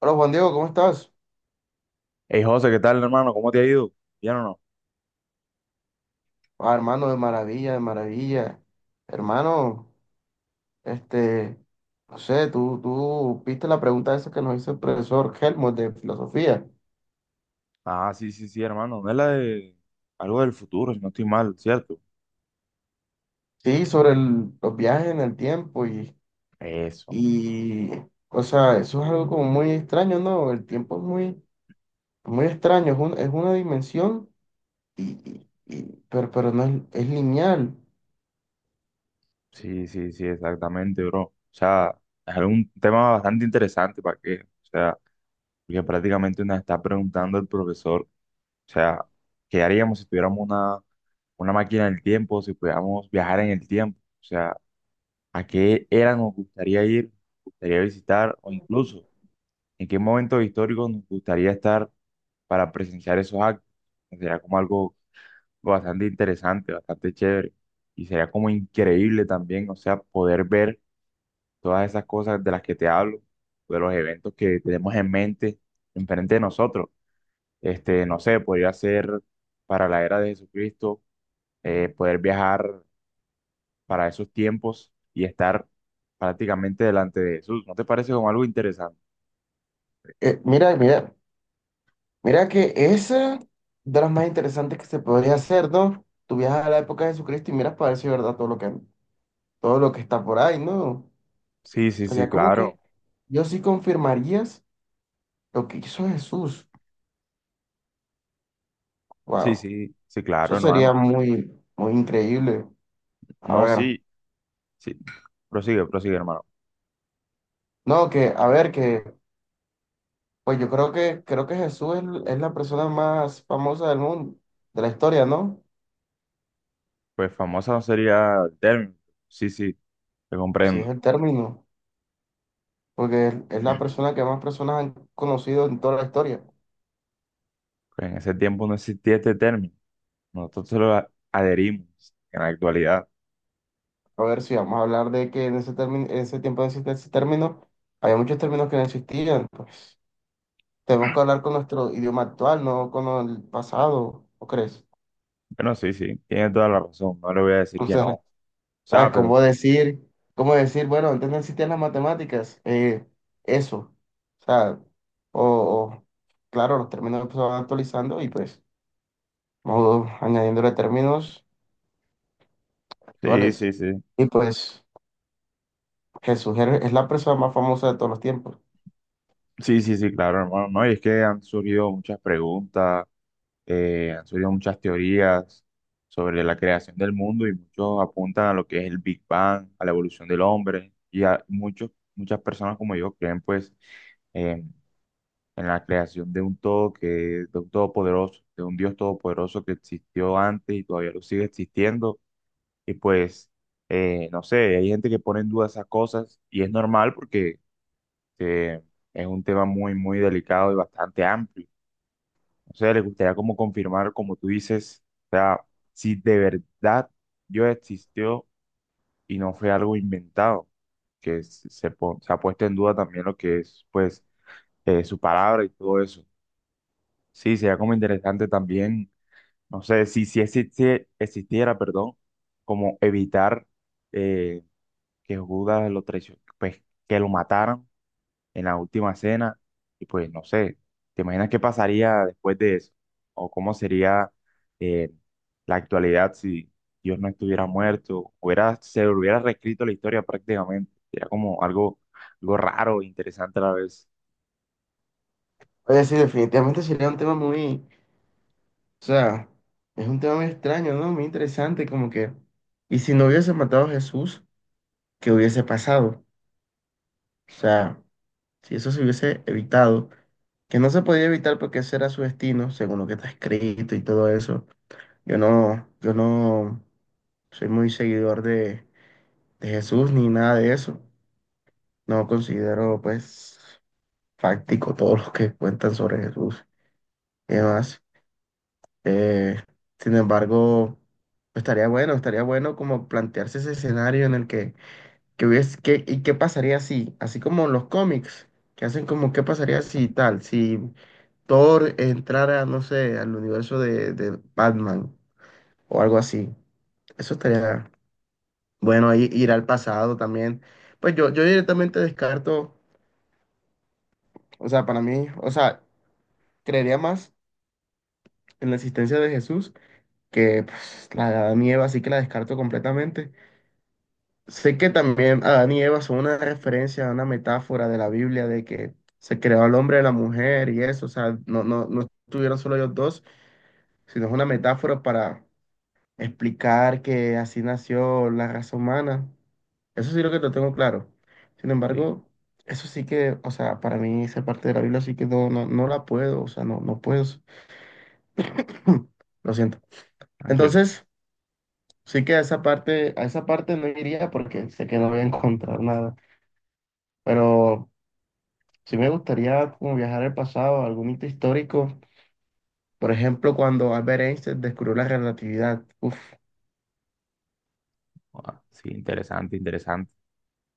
Hola Juan Diego, ¿cómo estás? Hey José, ¿qué tal, hermano? ¿Cómo te ha ido? ¿Bien o no? Ah, hermano, de maravilla, de maravilla. Hermano, este, no sé, tú viste la pregunta esa que nos hizo el profesor Helmut de filosofía. Ah, sí, sí, sí, hermano. No es la de algo del futuro, si no estoy mal, ¿cierto? Sí, sobre los viajes en el tiempo Eso. y, o sea, eso es algo como muy extraño, ¿no? El tiempo es muy, muy extraño, es una dimensión y, y- y- pero no es, es lineal. Sí, sí, sí, exactamente, bro. O sea, es un tema bastante interesante para qué, o sea, porque prácticamente nos está preguntando el profesor, o sea, ¿qué haríamos si tuviéramos una máquina del tiempo, si pudiéramos viajar en el tiempo? O sea, ¿a qué era nos gustaría ir, nos gustaría visitar, o incluso en qué momento histórico nos gustaría estar para presenciar esos actos? Sería como algo bastante interesante, bastante chévere. Y sería como increíble también, o sea, poder ver todas esas cosas de las que te hablo, de los eventos que tenemos en mente, enfrente de nosotros. Este, no sé, podría ser para la era de Jesucristo, poder viajar para esos tiempos y estar prácticamente delante de Jesús. ¿No te parece como algo interesante? Mira. Mira que esa de las más interesantes que se podría hacer, ¿no? Tú viajas a la época de Jesucristo y miras para ver si es verdad todo todo lo que está por ahí, ¿no? Sí, O sí, sea, sí, ya como que claro. yo sí confirmarías lo que hizo Jesús. Sí, Wow, sí, sí, eso claro, sería hermano. muy, muy increíble. A No, ver, sí, sí. Prosigue, prosigue, hermano. no, a ver, que, pues creo que es la persona más famosa del mundo, de la historia, ¿no? Pues famosa no sería el término. Sí, sí, te Si es comprendo. el término, porque es la persona que más personas han conocido en toda la historia. Pues en ese tiempo no existía este término. Nosotros se lo adherimos en la actualidad. A ver si vamos a hablar de que en ese tiempo ese término, había muchos términos que no existían, pues tenemos que hablar con nuestro idioma actual, no con el pasado, ¿o crees? Bueno, sí, sí, tiene toda la razón. No le voy a decir O que no. sea, O sea, ah, pero cómo decir, bueno, antes no existían las matemáticas, eso, o sea, o, o, claro, los términos se van actualizando y pues vamos añadiéndole términos sí, actuales. sí, sí. Y pues Jesús es la persona más famosa de todos los tiempos. Sí, sí, sí, claro, hermano. No, y es que han surgido muchas preguntas, han surgido muchas teorías sobre la creación del mundo, y muchos apuntan a lo que es el Big Bang, a la evolución del hombre. Y muchas personas como yo creen, pues, en la creación de un todo, que, de un todopoderoso, de un Dios todopoderoso que existió antes y todavía lo sigue existiendo. Y pues, no sé, hay gente que pone en duda esas cosas, y es normal porque eh, es un tema muy, muy delicado y bastante amplio. No sé, les gustaría como confirmar, como tú dices, o sea, si de verdad Dios existió y no fue algo inventado, que se ha puesto en duda también lo que es, pues, su palabra y todo eso. Sí, sería como interesante también, no sé, si existiera, perdón, como evitar eh, que Judas lo traicionara, pues, que lo mataran en la última cena. Y pues, no sé, ¿te imaginas qué pasaría después de eso? ¿O cómo sería, eh, la actualidad si Dios no estuviera muerto? Se hubiera reescrito la historia prácticamente. Sería como algo, raro, interesante a la vez. Oye, sí, definitivamente sería un tema muy. O sea, es un tema muy extraño, ¿no? Muy interesante, como que, ¿y si no hubiese matado a Jesús, qué hubiese pasado? O sea, si eso se hubiese evitado, que no se podía evitar porque ese era su destino, según lo que está escrito y todo eso. Yo no soy muy seguidor de Jesús ni nada de eso. No considero, pues, fáctico todo lo que cuentan sobre Jesús y demás. Eh, sin embargo, estaría bueno como plantearse ese escenario en el que y qué pasaría si, así como los cómics, que hacen como qué pasaría si tal, si Thor entrara, no sé, al universo de Batman o algo así. Eso estaría bueno, ahí ir al pasado también. Pues yo directamente descarto, o sea, para mí, o sea, creería más en la existencia de Jesús que pues, la de Adán y Eva, así que la descarto completamente. Sé que también Adán y Eva son una referencia, una metáfora de la Biblia de que se creó al hombre y la mujer y eso, o sea, no estuvieron solo ellos dos, sino es una metáfora para explicar que así nació la raza humana. Eso sí lo que lo tengo claro. Sin Sí, embargo, eso sí que, o sea, para mí esa parte de la Biblia sí que no la puedo, o sea, no puedo. Lo siento. tranquilo. Entonces, sí que a esa parte no iría porque sé que no voy a encontrar nada. Pero sí me gustaría como viajar al pasado, a algún hito histórico, por ejemplo, cuando Albert Einstein descubrió la relatividad. Uf, Ah, sí, interesante, interesante.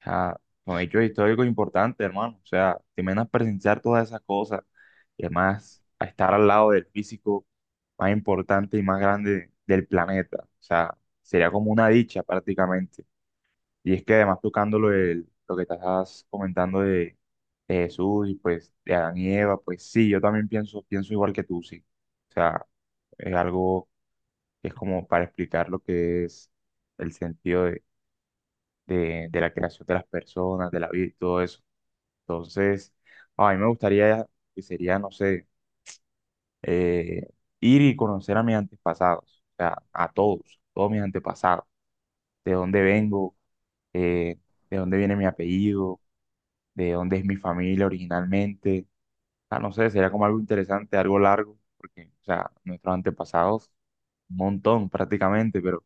O sea, son hechos históricos importantes, hermano. O sea, te imaginas presenciar todas esas cosas y además a estar al lado del físico más importante y más grande del planeta. O sea, sería como una dicha prácticamente. Y es que además tocando lo que estás comentando de Jesús y pues de Adán y Eva. Pues sí, yo también pienso, pienso igual que tú, sí. O sea, es algo que es como para explicar lo que es el sentido de, de la creación de las personas, de la vida y todo eso. Entonces, a mí me gustaría, que sería, no sé, eh, ir y conocer a mis antepasados, o sea, a todos, todos mis antepasados, de dónde vengo, eh, de dónde viene mi apellido, de dónde es mi familia originalmente. Ah, no sé, sería como algo interesante, algo largo, porque, o sea, nuestros antepasados, un montón prácticamente, pero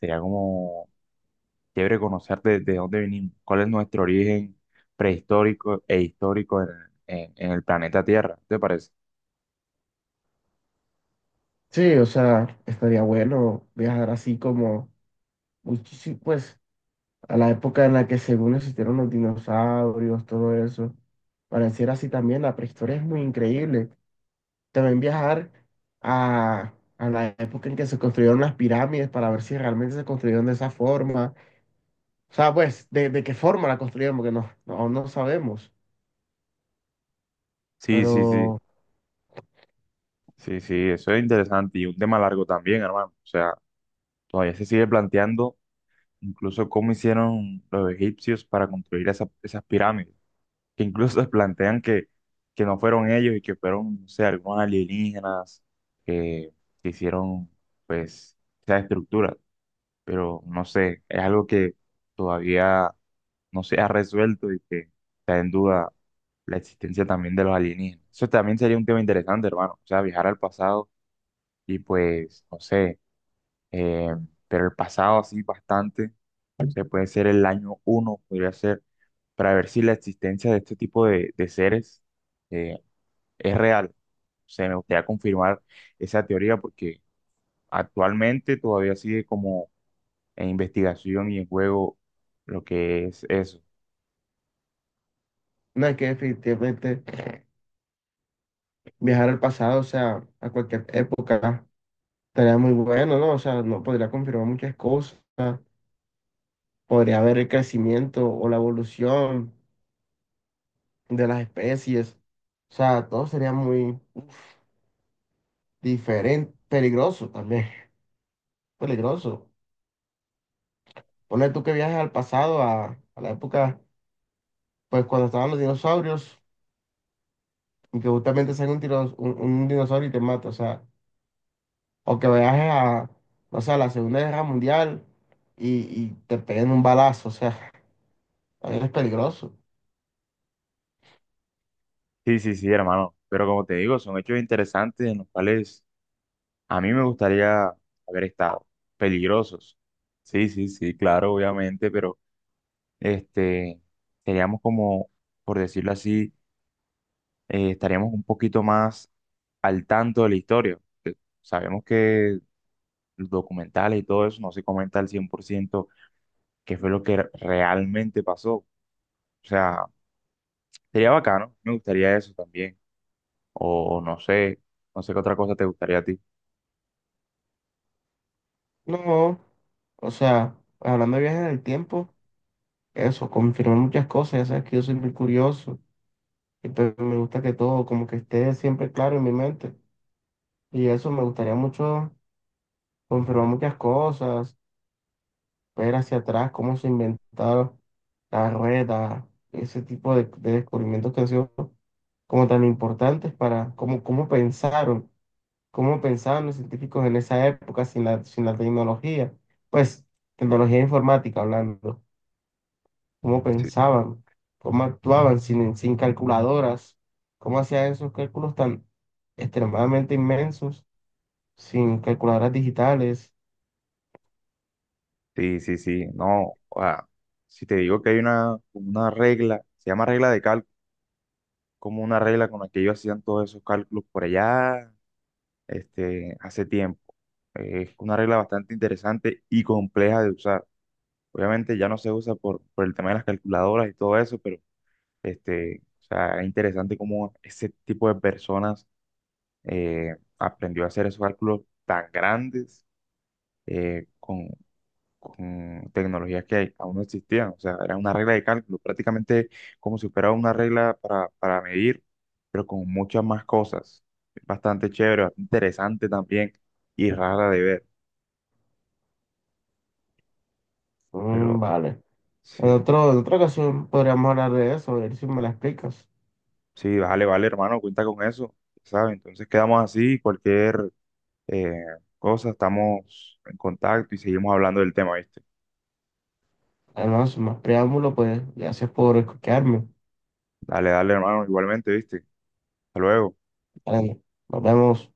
sería como chévere conocer de, dónde venimos, cuál es nuestro origen prehistórico e histórico en, en el planeta Tierra, ¿te parece? sí, o sea, estaría bueno viajar así como muchísimo, pues, a la época en la que según existieron los dinosaurios, todo eso. Pareciera así también, la prehistoria es muy increíble. También viajar a, a la época en que se construyeron las pirámides para ver si realmente se construyeron de esa forma. O sea, pues, de qué forma la construyeron, porque aún no sabemos. Sí, sí, sí, Pero sí, sí, eso es interesante y un tema largo también, hermano. O sea, todavía se sigue planteando incluso cómo hicieron los egipcios para construir esas, pirámides, que incluso se plantean que no fueron ellos, y que fueron, no sé, algunos alienígenas que, que hicieron, pues, esa estructura. Pero no sé, es algo que todavía no se ha resuelto, y que está en duda la existencia también de los alienígenas. Eso también sería un tema interesante, hermano. O sea, viajar al pasado y pues, no sé, eh, pero el pasado sí bastante, o sea, puede ser el año 1, podría ser, para ver si la existencia de este tipo de seres eh, es real. O sea, me gustaría confirmar esa teoría porque actualmente todavía sigue como en investigación y en juego lo que es eso. no, es que definitivamente viajar al pasado, o sea, a cualquier época, estaría muy bueno, ¿no? O sea, no podría confirmar muchas cosas, podría ver el crecimiento o la evolución de las especies, o sea, todo sería muy diferente, peligroso también, peligroso. Ponle tú que viajes al pasado, a la época, pues cuando estaban los dinosaurios, y que justamente salga un, un dinosaurio y te mata, o sea. O que veas a, no sé, a la Segunda Guerra Mundial y te peguen un balazo, o sea, también es peligroso. Sí, sí, sí, hermano, pero como te digo, son hechos interesantes en los cuales a mí me gustaría haber estado, peligrosos. Sí, sí, sí, claro, obviamente, pero... este, seríamos como, por decirlo así, estaríamos un poquito más al tanto de la historia, porque sabemos que los documentales y todo eso no se comenta al 100% qué fue lo que realmente pasó. O sea, sería bacano, me gustaría eso también. O no sé, qué otra cosa te gustaría a ti. No, o sea, hablando de viajes en el tiempo, eso, confirmé muchas cosas, ya sabes que yo soy muy curioso y pues me gusta que todo como que esté siempre claro en mi mente. Y eso me gustaría mucho confirmar muchas cosas, ver hacia atrás cómo se inventaron las ruedas, ese tipo de descubrimientos que han sido como tan importantes para cómo, cómo pensaron. ¿Cómo pensaban los científicos en esa época sin la tecnología? Pues, tecnología informática hablando. ¿Cómo pensaban? ¿Cómo actuaban sin calculadoras? ¿Cómo hacían esos cálculos tan extremadamente inmensos sin calculadoras digitales? Sí, sí, sí, no, o sea, si te digo que hay una regla, se llama regla de cálculo, como una regla con la que ellos hacían todos esos cálculos por allá, hace tiempo. Es una regla bastante interesante y compleja de usar. Obviamente ya no se usa por el tema de las calculadoras y todo eso, pero o sea, es interesante cómo ese tipo de personas aprendió a hacer esos cálculos tan grandes, eh, con con tecnologías que aún no existían. O sea, era una regla de cálculo, prácticamente como si fuera una regla para medir, pero con muchas más cosas. Es bastante chévere, bastante interesante también, y rara de ver. Mm, Pero vale. sí, En otra ocasión podríamos hablar de eso, a ver si me la explicas. sí, vale, vale, hermano, cuenta con eso, ¿sabes? Entonces quedamos así, cualquier eh, cosa, estamos en contacto y seguimos hablando del tema, ¿viste? Además, más preámbulo, pues gracias por escucharme. Dale, dale, hermano, igualmente, ¿viste? Hasta luego. Vale, nos vemos.